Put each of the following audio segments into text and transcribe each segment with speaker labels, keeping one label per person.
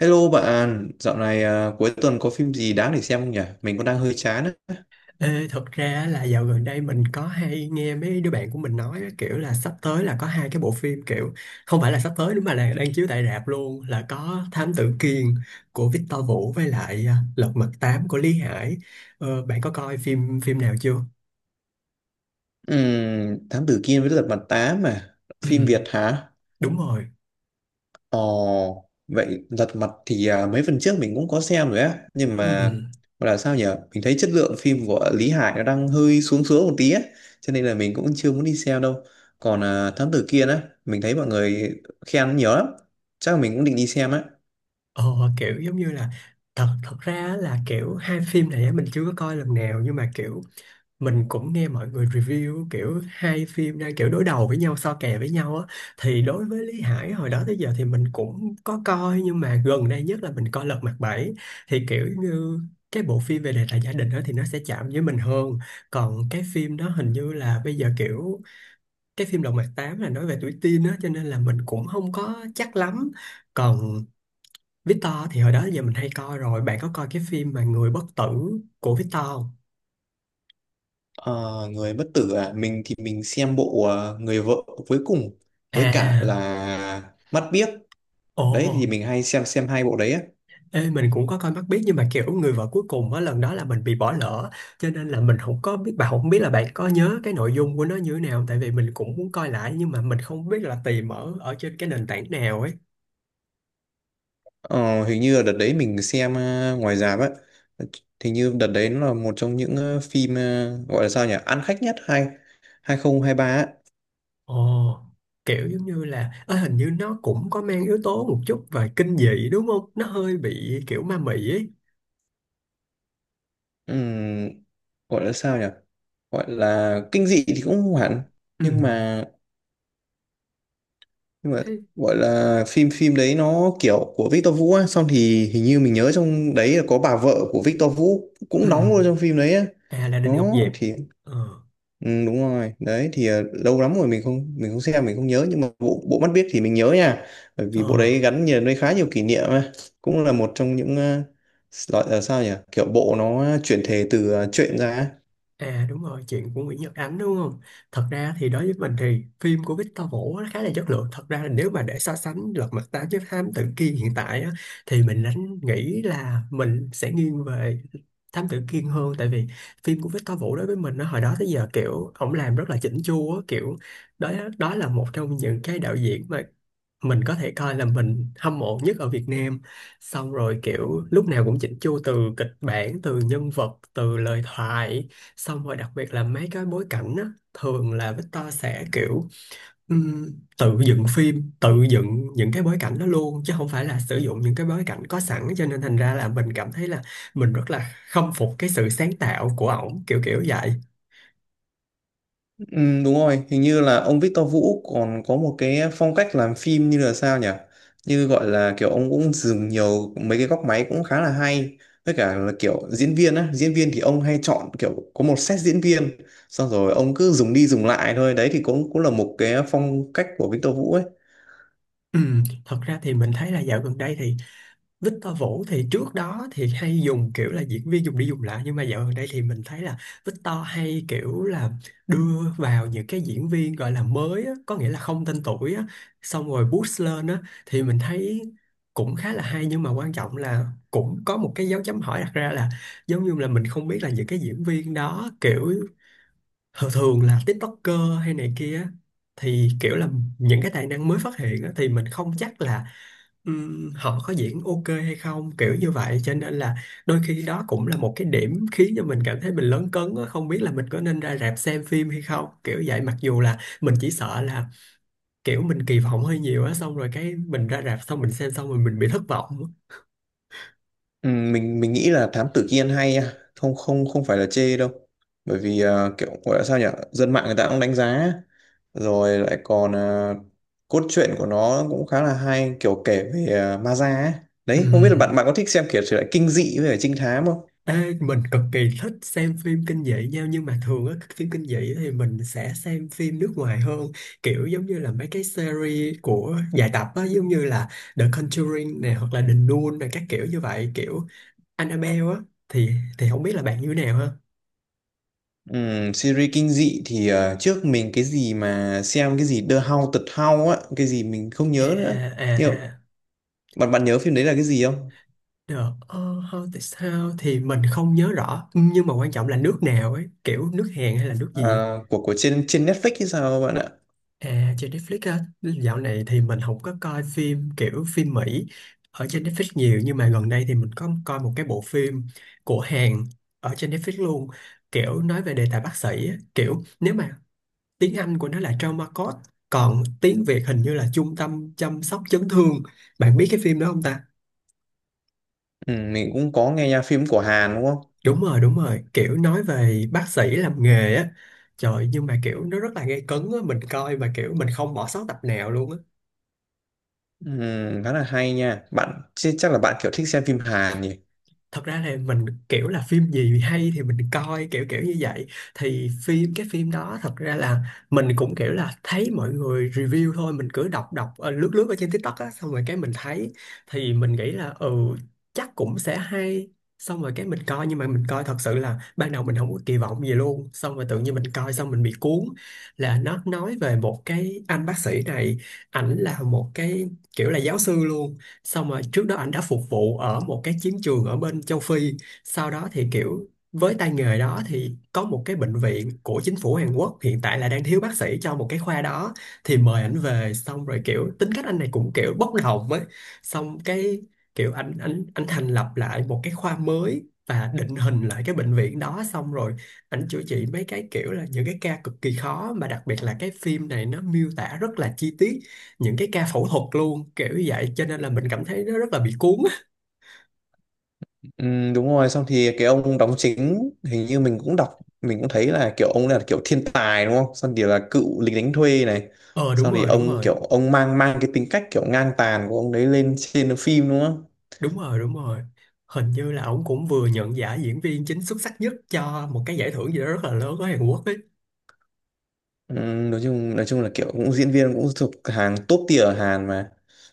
Speaker 1: Hello bạn, dạo này cuối tuần có phim gì đáng để xem không nhỉ? Mình cũng đang hơi chán á.
Speaker 2: Ê, thật ra là dạo gần đây mình có hay nghe mấy đứa bạn của mình nói á, kiểu là sắp tới là có hai cái bộ phim kiểu không phải là sắp tới nữa mà là đang chiếu tại rạp luôn là có Thám Tử Kiên của Victor Vũ với lại Lật Mặt Tám của Lý Hải. Bạn có coi phim phim nào chưa?
Speaker 1: Thám Tử Kiên với Lật Mặt 8 mà.
Speaker 2: Ừ,
Speaker 1: Phim Việt hả?
Speaker 2: đúng rồi.
Speaker 1: Ồ, vậy Lật Mặt thì mấy phần trước mình cũng có xem rồi á. Nhưng
Speaker 2: Ừ,
Speaker 1: mà
Speaker 2: ừ.
Speaker 1: gọi là sao nhỉ? Mình thấy chất lượng phim của Lý Hải nó đang hơi xuống xuống một tí á. Cho nên là mình cũng chưa muốn đi xem đâu. Còn Thám Tử Kiên á, mình thấy mọi người khen nhiều lắm. Chắc là mình cũng định đi xem á.
Speaker 2: ờ, Kiểu giống như là thật thật ra là kiểu hai phim này á, mình chưa có coi lần nào nhưng mà kiểu mình cũng nghe mọi người review kiểu hai phim đang kiểu đối đầu với nhau so kè với nhau á thì đối với Lý Hải hồi đó tới giờ thì mình cũng có coi nhưng mà gần đây nhất là mình coi Lật Mặt Bảy thì kiểu như cái bộ phim về đề tài gia đình đó thì nó sẽ chạm với mình hơn, còn cái phim đó hình như là bây giờ kiểu cái phim Lật Mặt Tám là nói về tuổi teen á cho nên là mình cũng không có chắc lắm. Còn Victor thì hồi đó giờ mình hay coi rồi. Bạn có coi cái phim mà Người Bất Tử của Victor không?
Speaker 1: Ờ, người bất tử à, mình thì mình xem bộ người vợ cuối cùng với cả
Speaker 2: À.
Speaker 1: là mắt biếc.
Speaker 2: Ồ.
Speaker 1: Đấy thì mình hay xem hai bộ đấy á.
Speaker 2: Ê, mình cũng có coi Mắt Biếc nhưng mà kiểu người vợ cuối cùng á lần đó là mình bị bỏ lỡ cho nên là mình không có biết bạn không biết là bạn có nhớ cái nội dung của nó như thế nào tại vì mình cũng muốn coi lại nhưng mà mình không biết là tìm ở ở trên cái nền tảng nào ấy.
Speaker 1: Ờ, hình như là đợt đấy mình xem ngoài rạp á. Hình như đợt đấy nó là một trong những phim gọi là sao nhỉ, ăn khách nhất 2023 á.
Speaker 2: Ồ, kiểu giống như là hình như nó cũng có mang yếu tố một chút về kinh dị đúng không? Nó hơi bị kiểu ma mị ấy.
Speaker 1: Ừm, gọi là sao nhỉ, gọi là kinh dị thì cũng không hẳn,
Speaker 2: Ừ.
Speaker 1: nhưng mà nhưng mà
Speaker 2: Thế.
Speaker 1: gọi là phim phim đấy nó kiểu của Victor Vũ á. Xong thì hình như mình nhớ trong đấy là có bà vợ của Victor Vũ
Speaker 2: Ừ.
Speaker 1: cũng đóng luôn trong phim đấy á.
Speaker 2: À là Đinh Ngọc
Speaker 1: Đó
Speaker 2: Diệp.
Speaker 1: thì
Speaker 2: Ờ.
Speaker 1: ừ, đúng rồi. Đấy thì lâu lắm rồi mình không xem, mình không nhớ, nhưng mà bộ bộ Mắt Biếc thì mình nhớ nha. Bởi vì bộ đấy
Speaker 2: Ờ.
Speaker 1: gắn liền với khá nhiều kỷ niệm á. Cũng là một trong những loại là sao nhỉ, kiểu bộ nó chuyển thể từ truyện ra á.
Speaker 2: À, đúng rồi, chuyện của Nguyễn Nhật Ánh đúng không? Thật ra thì đối với mình thì phim của Victor Vũ nó khá là chất lượng. Thật ra là nếu mà để so sánh Lật Mặt Tám với Thám Tử Kiên hiện tại á, thì mình nghĩ là mình sẽ nghiêng về Thám Tử Kiên hơn tại vì phim của Victor Vũ đối với mình nó hồi đó tới giờ kiểu ổng làm rất là chỉnh chu á, kiểu đó. Đó là một trong những cái đạo diễn mà mình có thể coi là mình hâm mộ nhất ở Việt Nam, xong rồi kiểu lúc nào cũng chỉnh chu từ kịch bản, từ nhân vật, từ lời thoại. Xong rồi đặc biệt là mấy cái bối cảnh á, thường là Victor sẽ kiểu ừm, tự dựng phim, tự dựng những cái bối cảnh đó luôn chứ không phải là sử dụng những cái bối cảnh có sẵn cho nên thành ra là mình cảm thấy là mình rất là khâm phục cái sự sáng tạo của ổng kiểu kiểu vậy.
Speaker 1: Ừ, đúng rồi, hình như là ông Victor Vũ còn có một cái phong cách làm phim như là sao nhỉ? Như gọi là kiểu ông cũng dùng nhiều mấy cái góc máy cũng khá là hay. Với cả là kiểu diễn viên á, diễn viên thì ông hay chọn kiểu có một set diễn viên, xong rồi ông cứ dùng đi dùng lại thôi. Đấy thì cũng cũng là một cái phong cách của Victor Vũ ấy.
Speaker 2: Thật ra thì mình thấy là dạo gần đây thì Victor Vũ thì trước đó thì hay dùng kiểu là diễn viên dùng đi dùng lại nhưng mà dạo gần đây thì mình thấy là Victor hay kiểu là đưa vào những cái diễn viên gọi là mới á, có nghĩa là không tên tuổi á, xong rồi boost lên á thì mình thấy cũng khá là hay nhưng mà quan trọng là cũng có một cái dấu chấm hỏi đặt ra là giống như là mình không biết là những cái diễn viên đó kiểu thường thường là TikToker hay này kia á, thì kiểu là những cái tài năng mới phát hiện á, thì mình không chắc là họ có diễn ok hay không kiểu như vậy cho nên là đôi khi đó cũng là một cái điểm khiến cho mình cảm thấy mình lấn cấn á, không biết là mình có nên ra rạp xem phim hay không kiểu vậy mặc dù là mình chỉ sợ là kiểu mình kỳ vọng hơi nhiều á xong rồi cái mình ra rạp xong mình xem xong rồi mình bị thất vọng á.
Speaker 1: Ừ, mình nghĩ là Thám Tử Kiên hay nha. Không không không phải là chê đâu, bởi vì kiểu gọi là sao nhỉ, dân mạng người ta cũng đánh giá, rồi lại còn cốt truyện của nó cũng khá là hay, kiểu kể về ma da ấy. Đấy, không biết là bạn bạn có thích xem kiểu thể loại kinh dị với cả trinh thám không?
Speaker 2: Ê, mình cực kỳ thích xem phim kinh dị nhau nhưng mà thường á phim kinh dị thì mình sẽ xem phim nước ngoài hơn kiểu giống như là mấy cái series của dài tập á giống như là The Conjuring nè hoặc là The Nun nè các kiểu như vậy kiểu Annabelle á thì không biết là bạn như thế nào ha.
Speaker 1: Series kinh dị thì trước mình cái gì mà xem, cái gì The Haunted House á, cái gì mình không
Speaker 2: À,
Speaker 1: nhớ nữa, nhưng mà
Speaker 2: à, à.
Speaker 1: bạn bạn nhớ phim đấy là cái gì không?
Speaker 2: The Haunted House thì mình không nhớ rõ nhưng mà quan trọng là nước nào ấy kiểu nước Hàn hay là nước gì.
Speaker 1: À, của trên trên Netflix hay sao bạn ạ?
Speaker 2: À, trên Netflix á, dạo này thì mình không có coi phim kiểu phim Mỹ ở trên Netflix nhiều nhưng mà gần đây thì mình có coi một cái bộ phim của Hàn ở trên Netflix luôn, kiểu nói về đề tài bác sĩ á, kiểu nếu mà tiếng Anh của nó là Trauma Code, còn tiếng Việt hình như là Trung Tâm Chăm Sóc Chấn Thương. Bạn biết cái phim đó không ta?
Speaker 1: Ừ, mình cũng có nghe nha, phim của Hàn đúng không?
Speaker 2: Đúng rồi, kiểu nói về bác sĩ làm nghề á. Trời, nhưng mà kiểu nó rất là gay cấn á, mình coi mà kiểu mình không bỏ sót tập nào luôn á.
Speaker 1: Ừ, khá là hay nha. Bạn chứ chắc là bạn kiểu thích xem phim Hàn nhỉ?
Speaker 2: Thật ra là mình kiểu là phim gì hay thì mình coi kiểu kiểu như vậy thì cái phim đó thật ra là mình cũng kiểu là thấy mọi người review thôi mình cứ đọc đọc lướt lướt ở trên TikTok á xong rồi cái mình thấy thì mình nghĩ là chắc cũng sẽ hay xong rồi cái mình coi nhưng mà mình coi thật sự là ban đầu mình không có kỳ vọng gì luôn xong rồi tự nhiên mình coi xong mình bị cuốn, là nó nói về một cái anh bác sĩ này, ảnh là một cái kiểu là giáo sư luôn, xong rồi trước đó ảnh đã phục vụ ở một cái chiến trường ở bên châu Phi, sau đó thì kiểu với tay nghề đó thì có một cái bệnh viện của chính phủ Hàn Quốc hiện tại là đang thiếu bác sĩ cho một cái khoa đó thì mời ảnh về xong rồi kiểu tính cách anh này cũng kiểu bốc đồng ấy xong cái kiểu anh thành lập lại một cái khoa mới và định hình lại cái bệnh viện đó xong rồi ảnh chữa trị mấy cái kiểu là những cái ca cực kỳ khó mà đặc biệt là cái phim này nó miêu tả rất là chi tiết những cái ca phẫu thuật luôn kiểu như vậy cho nên là mình cảm thấy nó rất là bị cuốn á.
Speaker 1: Ừ, đúng rồi. Xong thì cái ông đóng chính, hình như mình cũng đọc, mình cũng thấy là kiểu ông là kiểu thiên tài đúng không? Xong thì là cựu lính đánh thuê này.
Speaker 2: Ờ Đúng
Speaker 1: Xong thì
Speaker 2: rồi, đúng
Speaker 1: ông
Speaker 2: rồi.
Speaker 1: kiểu ông mang mang cái tính cách kiểu ngang tàn của ông đấy lên trên phim đúng không?
Speaker 2: Đúng rồi, đúng rồi, hình như là ổng cũng vừa nhận giải diễn viên chính xuất sắc nhất cho một cái giải thưởng gì đó rất là lớn ở Hàn Quốc ấy.
Speaker 1: Ừ, nói chung là kiểu cũng diễn viên cũng thuộc hàng top tier ở Hàn mà.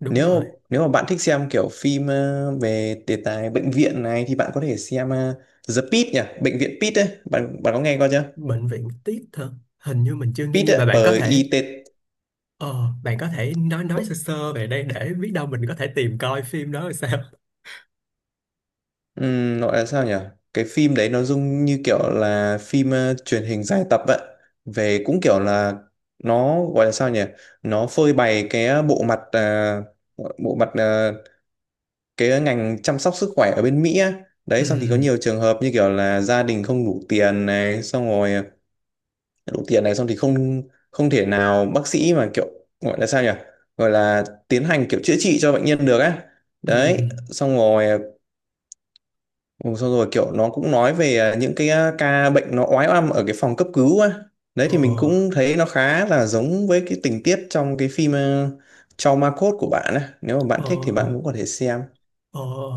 Speaker 2: Đúng rồi.
Speaker 1: Nếu nếu mà bạn thích xem kiểu phim về đề tài bệnh viện này thì bạn có thể xem The Pitt nhỉ, bệnh viện Pitt ấy, bạn bạn có nghe qua chưa?
Speaker 2: Bệnh viện tiết hả? Hình như mình chưa nghe
Speaker 1: Pitt
Speaker 2: nhưng
Speaker 1: ấy,
Speaker 2: mà
Speaker 1: P-I-T.
Speaker 2: bạn có thể nói sơ sơ về đây để biết đâu mình có thể tìm coi phim đó là sao.
Speaker 1: Gọi là sao nhỉ, cái phim đấy nó dung như kiểu là phim truyền hình dài tập ấy, về cũng kiểu là nó gọi là sao nhỉ, nó phơi bày cái bộ mặt cái ngành chăm sóc sức khỏe ở bên Mỹ á. Đấy xong thì có
Speaker 2: Ừ.
Speaker 1: nhiều trường hợp như kiểu là gia đình không đủ tiền này, xong rồi đủ tiền này, xong thì không không thể nào bác sĩ mà kiểu gọi là sao nhỉ, gọi là tiến hành kiểu chữa trị cho bệnh nhân được á.
Speaker 2: Ừ.
Speaker 1: Đấy xong rồi ừ, xong rồi kiểu nó cũng nói về những cái ca bệnh nó oái oăm ở cái phòng cấp cứu á. Đấy
Speaker 2: Ờ.
Speaker 1: thì mình cũng thấy nó khá là giống với cái tình tiết trong cái phim Trauma Code của bạn á, nếu mà bạn
Speaker 2: Ờ.
Speaker 1: thích thì bạn cũng có thể xem.
Speaker 2: Ồ,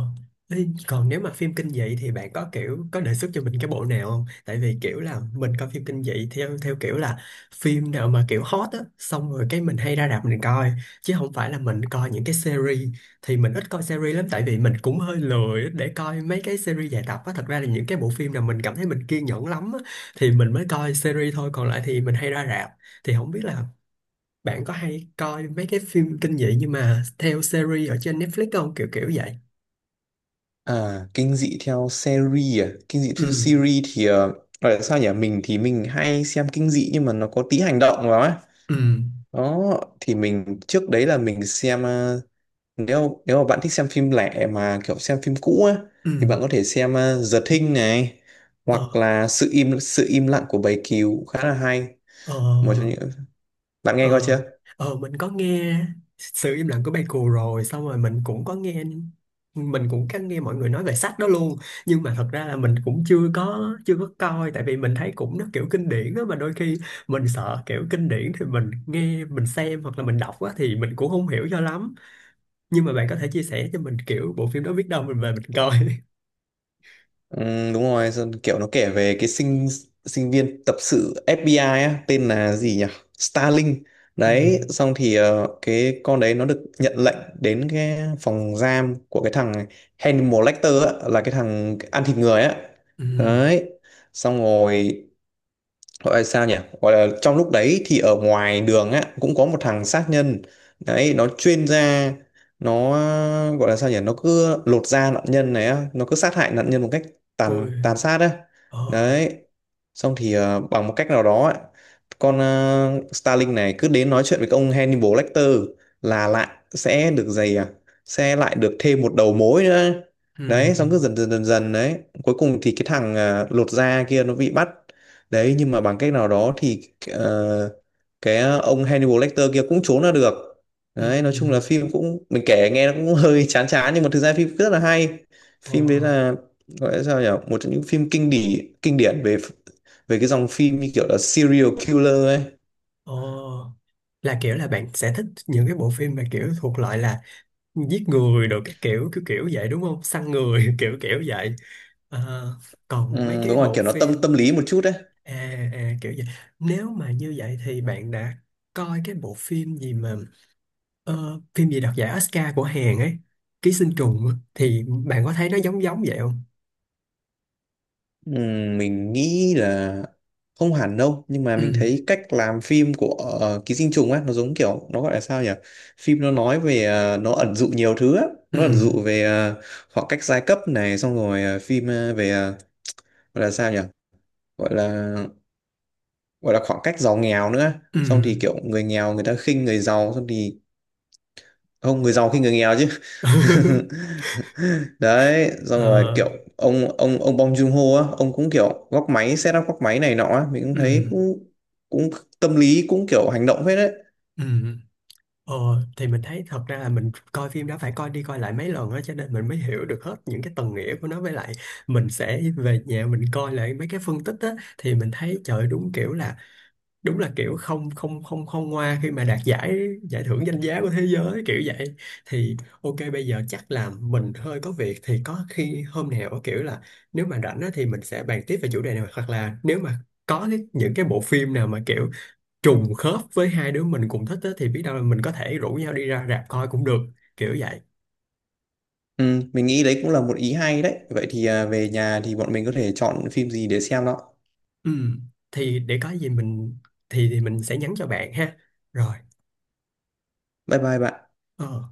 Speaker 2: ê, còn nếu mà phim kinh dị thì bạn có kiểu có đề xuất cho mình cái bộ nào không? Tại vì kiểu là mình coi phim kinh dị theo theo kiểu là phim nào mà kiểu hot á, xong rồi cái mình hay ra rạp mình coi chứ không phải là mình coi những cái series thì mình ít coi series lắm tại vì mình cũng hơi lười để coi mấy cái series dài tập á. Thật ra là những cái bộ phim nào mình cảm thấy mình kiên nhẫn lắm á, thì mình mới coi series thôi, còn lại thì mình hay ra rạp. Thì không biết là bạn có hay coi mấy cái phim kinh dị nhưng mà theo series ở trên Netflix không? Kiểu kiểu vậy.
Speaker 1: Kinh dị
Speaker 2: Ừ.
Speaker 1: theo series thì gọi là sao nhỉ, mình thì mình hay xem kinh dị nhưng mà nó có tí hành động vào ấy.
Speaker 2: Ừ.
Speaker 1: Đó, thì mình trước đấy là mình xem nếu nếu mà bạn thích xem phim lẻ mà kiểu xem phim cũ á
Speaker 2: Ừ.
Speaker 1: thì bạn có thể xem The Thing này,
Speaker 2: Ờ.
Speaker 1: hoặc là sự im lặng của bầy cừu khá là hay,
Speaker 2: Ờ.
Speaker 1: một trong những, bạn nghe coi
Speaker 2: Ờ.
Speaker 1: chưa?
Speaker 2: Mình có nghe sự im lặng của bài cù rồi xong rồi mình cũng có nghe mọi người nói về sách đó luôn nhưng mà thật ra là mình cũng chưa có coi tại vì mình thấy cũng nó kiểu kinh điển đó mà đôi khi mình sợ kiểu kinh điển thì mình nghe mình xem hoặc là mình đọc á thì mình cũng không hiểu cho lắm nhưng mà bạn có thể chia sẻ cho mình kiểu bộ phim đó biết đâu mình về mình coi.
Speaker 1: Ừ, đúng rồi, xong kiểu nó kể về cái sinh sinh viên tập sự FBI á, tên là gì nhỉ? Starling.
Speaker 2: Ừ.
Speaker 1: Đấy, xong thì cái con đấy nó được nhận lệnh đến cái phòng giam của cái thằng Hannibal Lecter á, là cái thằng ăn thịt người á.
Speaker 2: Ừ.
Speaker 1: Đấy. Xong rồi gọi là sao nhỉ, gọi là trong lúc đấy thì ở ngoài đường á cũng có một thằng sát nhân, đấy nó chuyên ra, nó gọi là sao nhỉ, nó cứ lột da nạn nhân này á, nó cứ sát hại nạn nhân một cách
Speaker 2: Ôi.
Speaker 1: tàn tàn sát á.
Speaker 2: Ờ.
Speaker 1: Đấy xong thì bằng một cách nào đó á, con Starling này cứ đến nói chuyện với ông Hannibal Lecter là lại sẽ được giày à sẽ lại được thêm một đầu mối nữa.
Speaker 2: Ừ.
Speaker 1: Đấy xong cứ dần dần dần dần, đấy cuối cùng thì cái thằng lột da kia nó bị bắt. Đấy nhưng mà bằng cách nào đó thì ờ, ông Hannibal Lecter kia cũng trốn ra được. Đấy nói chung là
Speaker 2: Ừ.
Speaker 1: phim cũng mình kể nghe nó cũng hơi chán chán nhưng mà thực ra phim rất là hay. Phim đấy
Speaker 2: Ờ.
Speaker 1: là gọi là sao nhỉ? Một trong những phim kinh điển về về cái dòng phim như kiểu là serial killer ấy.
Speaker 2: Ồ, là kiểu là bạn sẽ thích những cái bộ phim mà kiểu thuộc loại là giết người đồ cái kiểu kiểu kiểu vậy đúng không? Săn người kiểu kiểu vậy. Ờ, còn mấy
Speaker 1: Ừ,
Speaker 2: cái
Speaker 1: đúng rồi,
Speaker 2: bộ
Speaker 1: kiểu nó tâm
Speaker 2: phim.
Speaker 1: tâm lý một chút đấy.
Speaker 2: À, à, kiểu vậy. Nếu mà như vậy thì bạn đã coi cái bộ phim gì mà phim gì đoạt giải Oscar của Hàn ấy, Ký Sinh Trùng á, thì bạn có thấy nó giống giống vậy không?
Speaker 1: Mình nghĩ là không hẳn đâu, nhưng mà mình
Speaker 2: Ừ,
Speaker 1: thấy cách làm phim của Ký Sinh Trùng á, nó giống kiểu nó gọi là sao nhỉ, phim nó nói về nó ẩn dụ nhiều thứ á.
Speaker 2: ừ,
Speaker 1: Nó ẩn dụ về khoảng cách giai cấp này, xong rồi phim về gọi là sao nhỉ, gọi là gọi là khoảng cách giàu nghèo nữa.
Speaker 2: ừ.
Speaker 1: Xong thì kiểu người nghèo người ta khinh người giàu, xong thì không, người giàu khi người nghèo chứ. Đấy xong rồi
Speaker 2: Ờ,
Speaker 1: kiểu ông Bong Joon-ho á, ông cũng kiểu góc máy, set up góc máy này nọ á, mình cũng
Speaker 2: ừ,
Speaker 1: thấy cũng cũng tâm lý cũng kiểu hành động hết đấy.
Speaker 2: ừ. Ờ, thì mình thấy thật ra là mình coi phim đó phải coi đi coi lại mấy lần đó cho nên mình mới hiểu được hết những cái tầng nghĩa của nó với lại mình sẽ về nhà mình coi lại mấy cái phân tích á thì mình thấy trời ơi, đúng kiểu là đúng là kiểu không không không không ngoa khi mà đạt giải giải thưởng danh giá của thế giới kiểu vậy thì ok bây giờ chắc là mình hơi có việc thì có khi hôm nào kiểu là nếu mà rảnh á thì mình sẽ bàn tiếp về chủ đề này hoặc là nếu mà có những cái bộ phim nào mà kiểu trùng khớp với hai đứa mình cùng thích á, thì biết đâu là mình có thể rủ nhau đi ra rạp coi cũng được kiểu vậy.
Speaker 1: Ừ, mình nghĩ đấy cũng là một ý hay đấy, vậy thì về nhà thì bọn mình có thể chọn phim gì để xem đó.
Speaker 2: Ừ. Thì để có gì mình thì mình sẽ nhắn cho bạn ha. Rồi.
Speaker 1: Bye bye bạn.
Speaker 2: Ờ.